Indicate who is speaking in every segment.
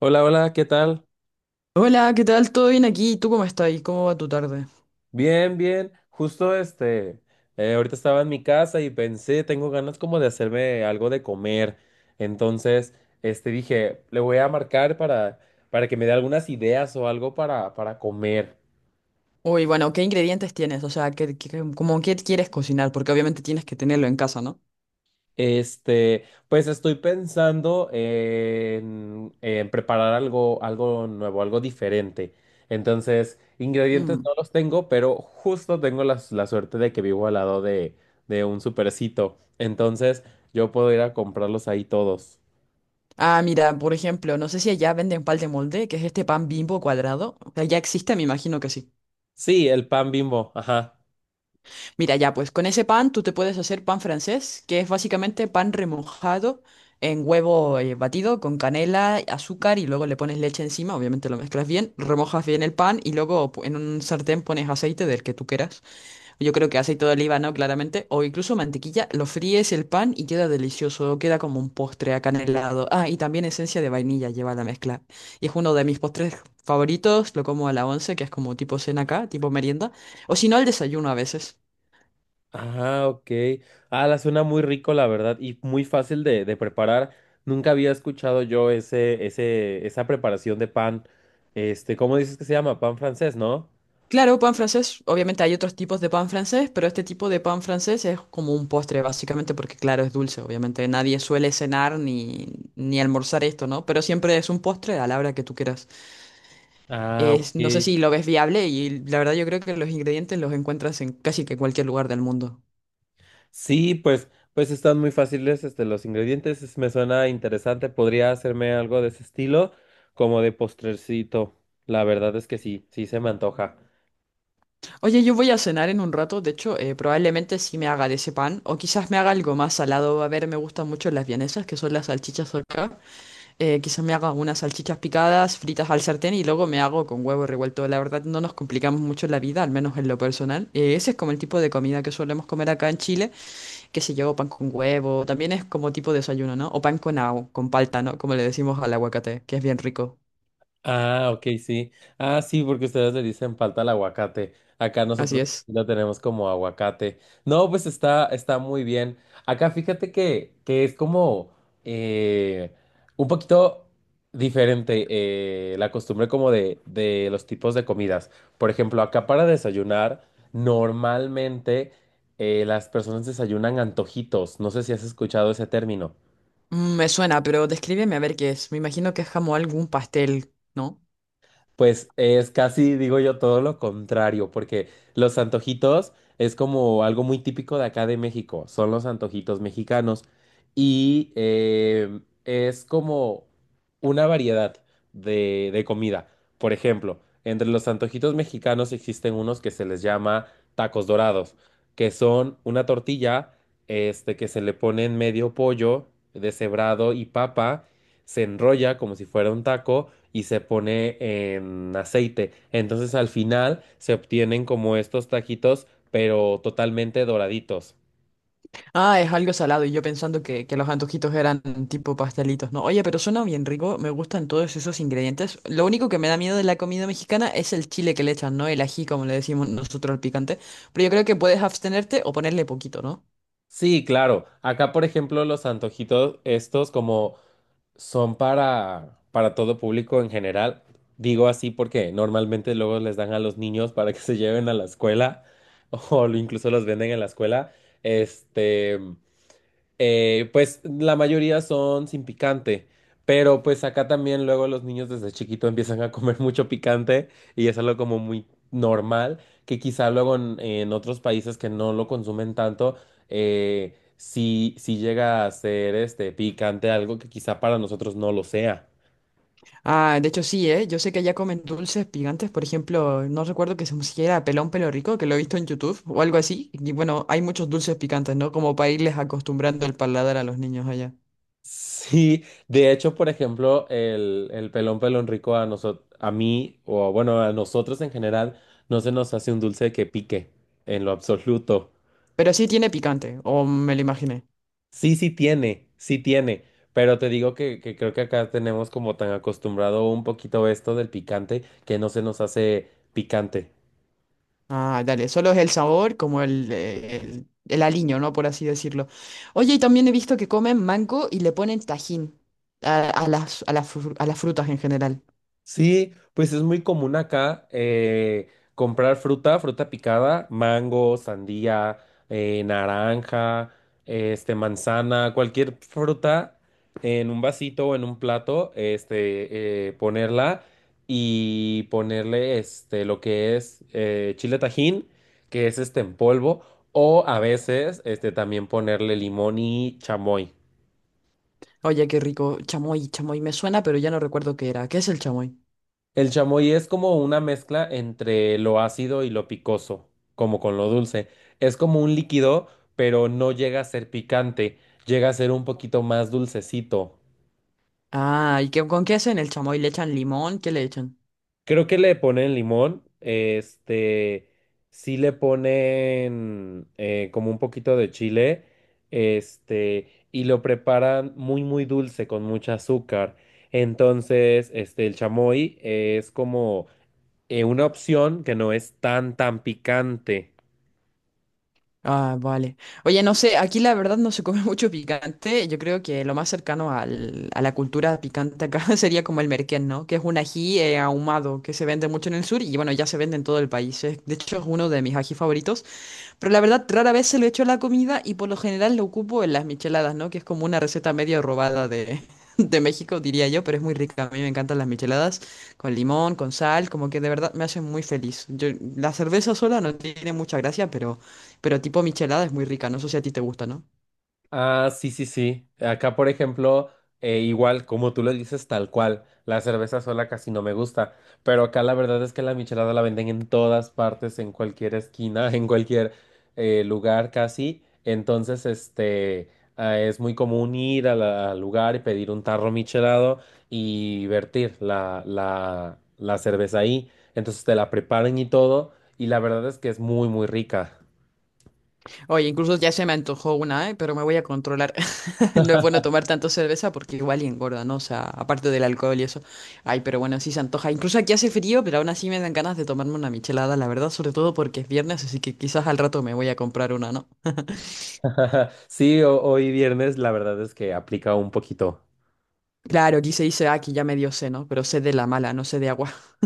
Speaker 1: Hola, hola, ¿qué tal?
Speaker 2: Hola, ¿qué tal? ¿Todo bien aquí? ¿Tú cómo estás? ¿Cómo va tu tarde?
Speaker 1: Bien, bien. Justo ahorita estaba en mi casa y pensé, tengo ganas como de hacerme algo de comer. Entonces, dije, le voy a marcar para que me dé algunas ideas o algo para comer.
Speaker 2: Uy, bueno, ¿qué ingredientes tienes? O sea, ¿como qué quieres cocinar? Porque obviamente tienes que tenerlo en casa, ¿no?
Speaker 1: Pues estoy pensando en preparar algo nuevo, algo diferente. Entonces, ingredientes
Speaker 2: Mm.
Speaker 1: no los tengo, pero justo tengo la suerte de que vivo al lado de un supercito. Entonces, yo puedo ir a comprarlos ahí todos.
Speaker 2: Ah, mira, por ejemplo, no sé si allá venden pan de molde, que es este pan bimbo cuadrado. O sea, ya existe, me imagino que sí.
Speaker 1: Sí, el pan Bimbo, ajá.
Speaker 2: Mira, ya, pues con ese pan tú te puedes hacer pan francés, que es básicamente pan remojado en huevo batido con canela, azúcar y luego le pones leche encima, obviamente lo mezclas bien, remojas bien el pan y luego en un sartén pones aceite del que tú quieras. Yo creo que aceite de oliva, ¿no? Claramente. O incluso mantequilla. Lo fríes el pan y queda delicioso. Queda como un postre acanelado. Ah, y también esencia de vainilla lleva la mezcla. Y es uno de mis postres favoritos. Lo como a la once, que es como tipo cena acá, tipo merienda. O si no, al desayuno a veces.
Speaker 1: Ah, ok. Ah, la suena muy rico, la verdad, y muy fácil de preparar. Nunca había escuchado yo esa preparación de pan. Este, ¿cómo dices que se llama? Pan francés, ¿no?
Speaker 2: Claro, pan francés. Obviamente hay otros tipos de pan francés, pero este tipo de pan francés es como un postre, básicamente, porque claro, es dulce. Obviamente nadie suele cenar ni almorzar esto, ¿no? Pero siempre es un postre a la hora que tú quieras.
Speaker 1: Ah,
Speaker 2: No sé
Speaker 1: ok.
Speaker 2: si lo ves viable y la verdad yo creo que los ingredientes los encuentras en casi que cualquier lugar del mundo.
Speaker 1: Sí, pues, pues están muy fáciles, este, los ingredientes. Me suena interesante. Podría hacerme algo de ese estilo, como de postrecito. La verdad es que sí, sí se me antoja.
Speaker 2: Oye, yo voy a cenar en un rato, de hecho, probablemente sí me haga de ese pan o quizás me haga algo más salado. A ver, me gustan mucho las vienesas, que son las salchichas acá. Quizás me haga unas salchichas picadas, fritas al sartén y luego me hago con huevo revuelto. La verdad no nos complicamos mucho la vida, al menos en lo personal. Ese es como el tipo de comida que solemos comer acá en Chile. Qué sé yo, pan con huevo, también es como tipo de desayuno, ¿no? O pan con agua, con palta, ¿no? Como le decimos al aguacate, que es bien rico.
Speaker 1: Ah, ok, sí. Ah, sí, porque ustedes le dicen falta el aguacate. Acá
Speaker 2: Así
Speaker 1: nosotros
Speaker 2: es.
Speaker 1: lo tenemos como aguacate. No, pues está, está muy bien. Acá fíjate que es como eh, un poquito diferente la costumbre como de los tipos de comidas. Por ejemplo, acá para desayunar, normalmente las personas desayunan antojitos. No sé si has escuchado ese término.
Speaker 2: Mm, me suena, pero descríbeme a ver qué es. Me imagino que es como algún pastel, ¿no?
Speaker 1: Pues es casi, digo yo, todo lo contrario, porque los antojitos es como algo muy típico de acá de México, son los antojitos mexicanos y es como una variedad de comida. Por ejemplo, entre los antojitos mexicanos existen unos que se les llama tacos dorados, que son una tortilla, este, que se le pone en medio pollo deshebrado y papa, se enrolla como si fuera un taco y se pone en aceite. Entonces al final se obtienen como estos taquitos, pero totalmente doraditos.
Speaker 2: Ah, es algo salado y yo pensando que los antojitos eran tipo pastelitos, ¿no? Oye, pero suena bien rico, me gustan todos esos ingredientes. Lo único que me da miedo de la comida mexicana es el chile que le echan, ¿no? El ají, como le decimos nosotros al picante. Pero yo creo que puedes abstenerte o ponerle poquito, ¿no?
Speaker 1: Sí, claro. Acá, por ejemplo, los antojitos estos como son para todo público en general. Digo así porque normalmente luego les dan a los niños para que se lleven a la escuela o incluso los venden en la escuela. Este, pues la mayoría son sin picante, pero pues acá también luego los niños desde chiquito empiezan a comer mucho picante y es algo como muy normal, que quizá luego en otros países que no lo consumen tanto, sí, sí llega a ser este picante, algo que quizá para nosotros no lo sea.
Speaker 2: Ah, de hecho sí, ¿eh? Yo sé que allá comen dulces picantes, por ejemplo, no recuerdo que se pusiera pelón pelo rico, que lo he visto en YouTube o algo así. Y bueno, hay muchos dulces picantes, ¿no? Como para irles acostumbrando el paladar a los niños allá.
Speaker 1: Sí, de hecho, por ejemplo, el pelón pelón rico a nosotros, a mí, o bueno, a nosotros en general, no se nos hace un dulce que pique en lo absoluto.
Speaker 2: Pero sí tiene picante, o me lo imaginé.
Speaker 1: Sí, sí tiene, pero te digo que creo que acá tenemos como tan acostumbrado un poquito esto del picante que no se nos hace picante.
Speaker 2: Ah, dale, solo es el sabor, como el aliño, ¿no? Por así decirlo. Oye, y también he visto que comen mango y le ponen tajín a las a las frutas en general.
Speaker 1: Sí, pues es muy común acá comprar fruta, fruta picada, mango, sandía, naranja, este, manzana, cualquier fruta en un vasito o en un plato, ponerla y ponerle lo que es chile tajín, que es este en polvo, o a veces este, también ponerle limón y chamoy.
Speaker 2: Oye, qué rico. Chamoy, chamoy, me suena, pero ya no recuerdo qué era. ¿Qué es el chamoy?
Speaker 1: El chamoy es como una mezcla entre lo ácido y lo picoso, como con lo dulce. Es como un líquido, pero no llega a ser picante, llega a ser un poquito más dulcecito.
Speaker 2: Ah, ¿y qué, con qué hacen el chamoy? ¿Le echan limón? ¿Qué le echan?
Speaker 1: Creo que le ponen limón, este, sí le ponen como un poquito de chile, este, y lo preparan muy, muy dulce con mucho azúcar. Entonces, este, el chamoy es como una opción que no es tan, tan picante.
Speaker 2: Ah, vale. Oye, no sé, aquí la verdad no se come mucho picante. Yo creo que lo más cercano a la cultura picante acá sería como el merquén, ¿no? Que es un ají ahumado que se vende mucho en el sur y bueno, ya se vende en todo el país. De hecho, es uno de mis ají favoritos. Pero la verdad, rara vez se lo echo a la comida y por lo general lo ocupo en las micheladas, ¿no? Que es como una receta medio robada de, de México, diría yo, pero es muy rica. A mí me encantan las micheladas con limón, con sal, como que de verdad me hacen muy feliz. Yo, la cerveza sola no tiene mucha gracia, pero tipo michelada es muy rica. No sé si a ti te gusta, ¿no?
Speaker 1: Ah, sí, sí, sí. Acá, por ejemplo, igual, como tú lo dices, tal cual. La cerveza sola casi no me gusta. Pero acá la verdad es que la michelada la venden en todas partes, en cualquier esquina, en cualquier lugar casi. Entonces, este, ah, es muy común ir a al lugar y pedir un tarro michelado y vertir la cerveza ahí. Entonces te la preparan y todo. Y la verdad es que es muy, muy rica.
Speaker 2: Oye, incluso ya se me antojó una, ¿eh? Pero me voy a controlar. No es bueno tomar tanto cerveza porque igual y engorda, ¿no? O sea, aparte del alcohol y eso. Ay, pero bueno, sí se antoja. Incluso aquí hace frío, pero aún así me dan ganas de tomarme una michelada, la verdad, sobre todo porque es viernes, así que quizás al rato me voy a comprar una, ¿no?
Speaker 1: Sí, hoy viernes la verdad es que aplica un poquito.
Speaker 2: Claro, aquí se dice, ah, aquí ya me dio sed, ¿no? Pero sed de la mala, no sed de agua.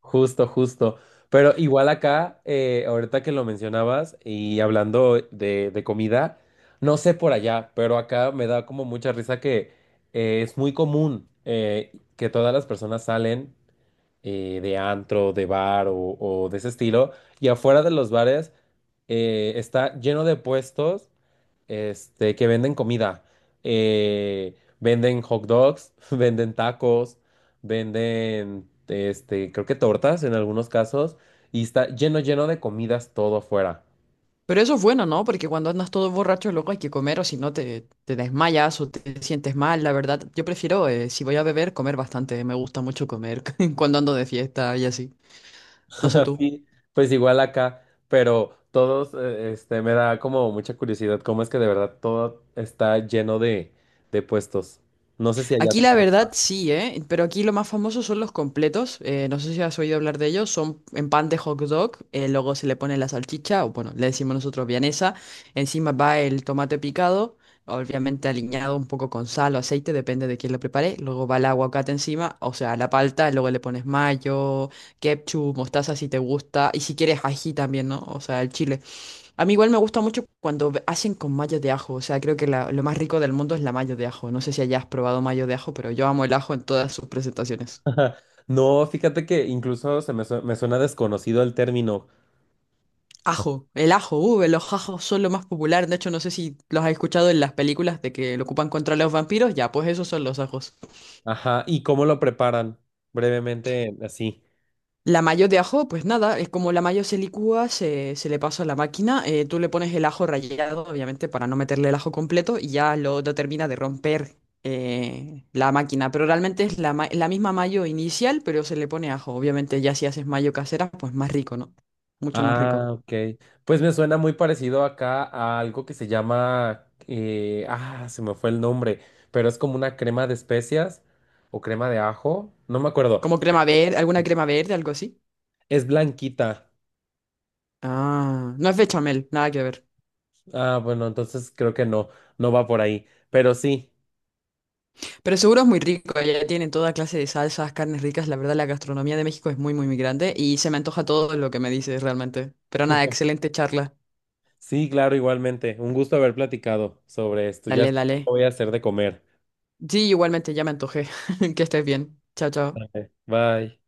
Speaker 1: Justo, justo. Pero igual acá, ahorita que lo mencionabas y hablando de comida, no sé por allá, pero acá me da como mucha risa que es muy común que todas las personas salen de antro, de bar o de ese estilo, y afuera de los bares está lleno de puestos este, que venden comida. Venden hot dogs, venden tacos, venden, este, creo que tortas en algunos casos, y está lleno, lleno de comidas todo afuera.
Speaker 2: Pero eso es bueno, ¿no? Porque cuando andas todo borracho, luego hay que comer o si no te desmayas o te sientes mal, la verdad. Yo prefiero, si voy a beber, comer bastante. Me gusta mucho comer cuando ando de fiesta y así. No sé tú.
Speaker 1: Así, pues igual acá, pero todos, este, me da como mucha curiosidad cómo es que de verdad todo está lleno de puestos. No sé si allá.
Speaker 2: Aquí la verdad sí, ¿eh? Pero aquí lo más famoso son los completos. No sé si has oído hablar de ellos. Son en pan de hot dog. Luego se le pone la salchicha, o bueno, le decimos nosotros vienesa. Encima va el tomate picado, obviamente aliñado un poco con sal o aceite, depende de quién lo prepare. Luego va el aguacate encima, o sea, la palta. Luego le pones mayo, ketchup, mostaza si te gusta. Y si quieres ají también, ¿no? O sea, el chile. A mí igual me gusta mucho cuando hacen con mayo de ajo, o sea, creo que lo más rico del mundo es la mayo de ajo. No sé si hayas probado mayo de ajo, pero yo amo el ajo en todas sus presentaciones.
Speaker 1: No, fíjate que incluso se me, me suena desconocido el término.
Speaker 2: Ajo, el ajo, los ajos son lo más popular, de hecho no sé si los has escuchado en las películas de que lo ocupan contra los vampiros, ya, pues esos son los ajos.
Speaker 1: Ajá, ¿y cómo lo preparan? Brevemente, así.
Speaker 2: La mayo de ajo, pues nada, es como la mayo se licúa, se le pasa a la máquina, tú le pones el ajo rallado, obviamente, para no meterle el ajo completo, y ya lo termina de romper la máquina. Pero realmente es la misma mayo inicial, pero se le pone ajo. Obviamente, ya si haces mayo casera, pues más rico, ¿no? Mucho más rico.
Speaker 1: Ah, ok. Pues me suena muy parecido acá a algo que se llama, ah, se me fue el nombre, pero es como una crema de especias o crema de ajo, no me acuerdo.
Speaker 2: Como crema verde, alguna crema verde, algo así.
Speaker 1: Es blanquita.
Speaker 2: Ah, no es bechamel, nada que ver.
Speaker 1: Ah, bueno, entonces creo que no, no va por ahí. Pero sí,
Speaker 2: Pero seguro es muy rico, allá tienen toda clase de salsas, carnes ricas, la verdad la gastronomía de México es muy, muy, muy grande y se me antoja todo lo que me dices realmente. Pero nada, excelente charla.
Speaker 1: sí, claro, igualmente. Un gusto haber platicado sobre esto. Ya
Speaker 2: Dale,
Speaker 1: sé qué
Speaker 2: dale.
Speaker 1: voy a hacer de comer.
Speaker 2: Sí, igualmente, ya me antojé. Que estés bien. Chao, chao.
Speaker 1: Bye.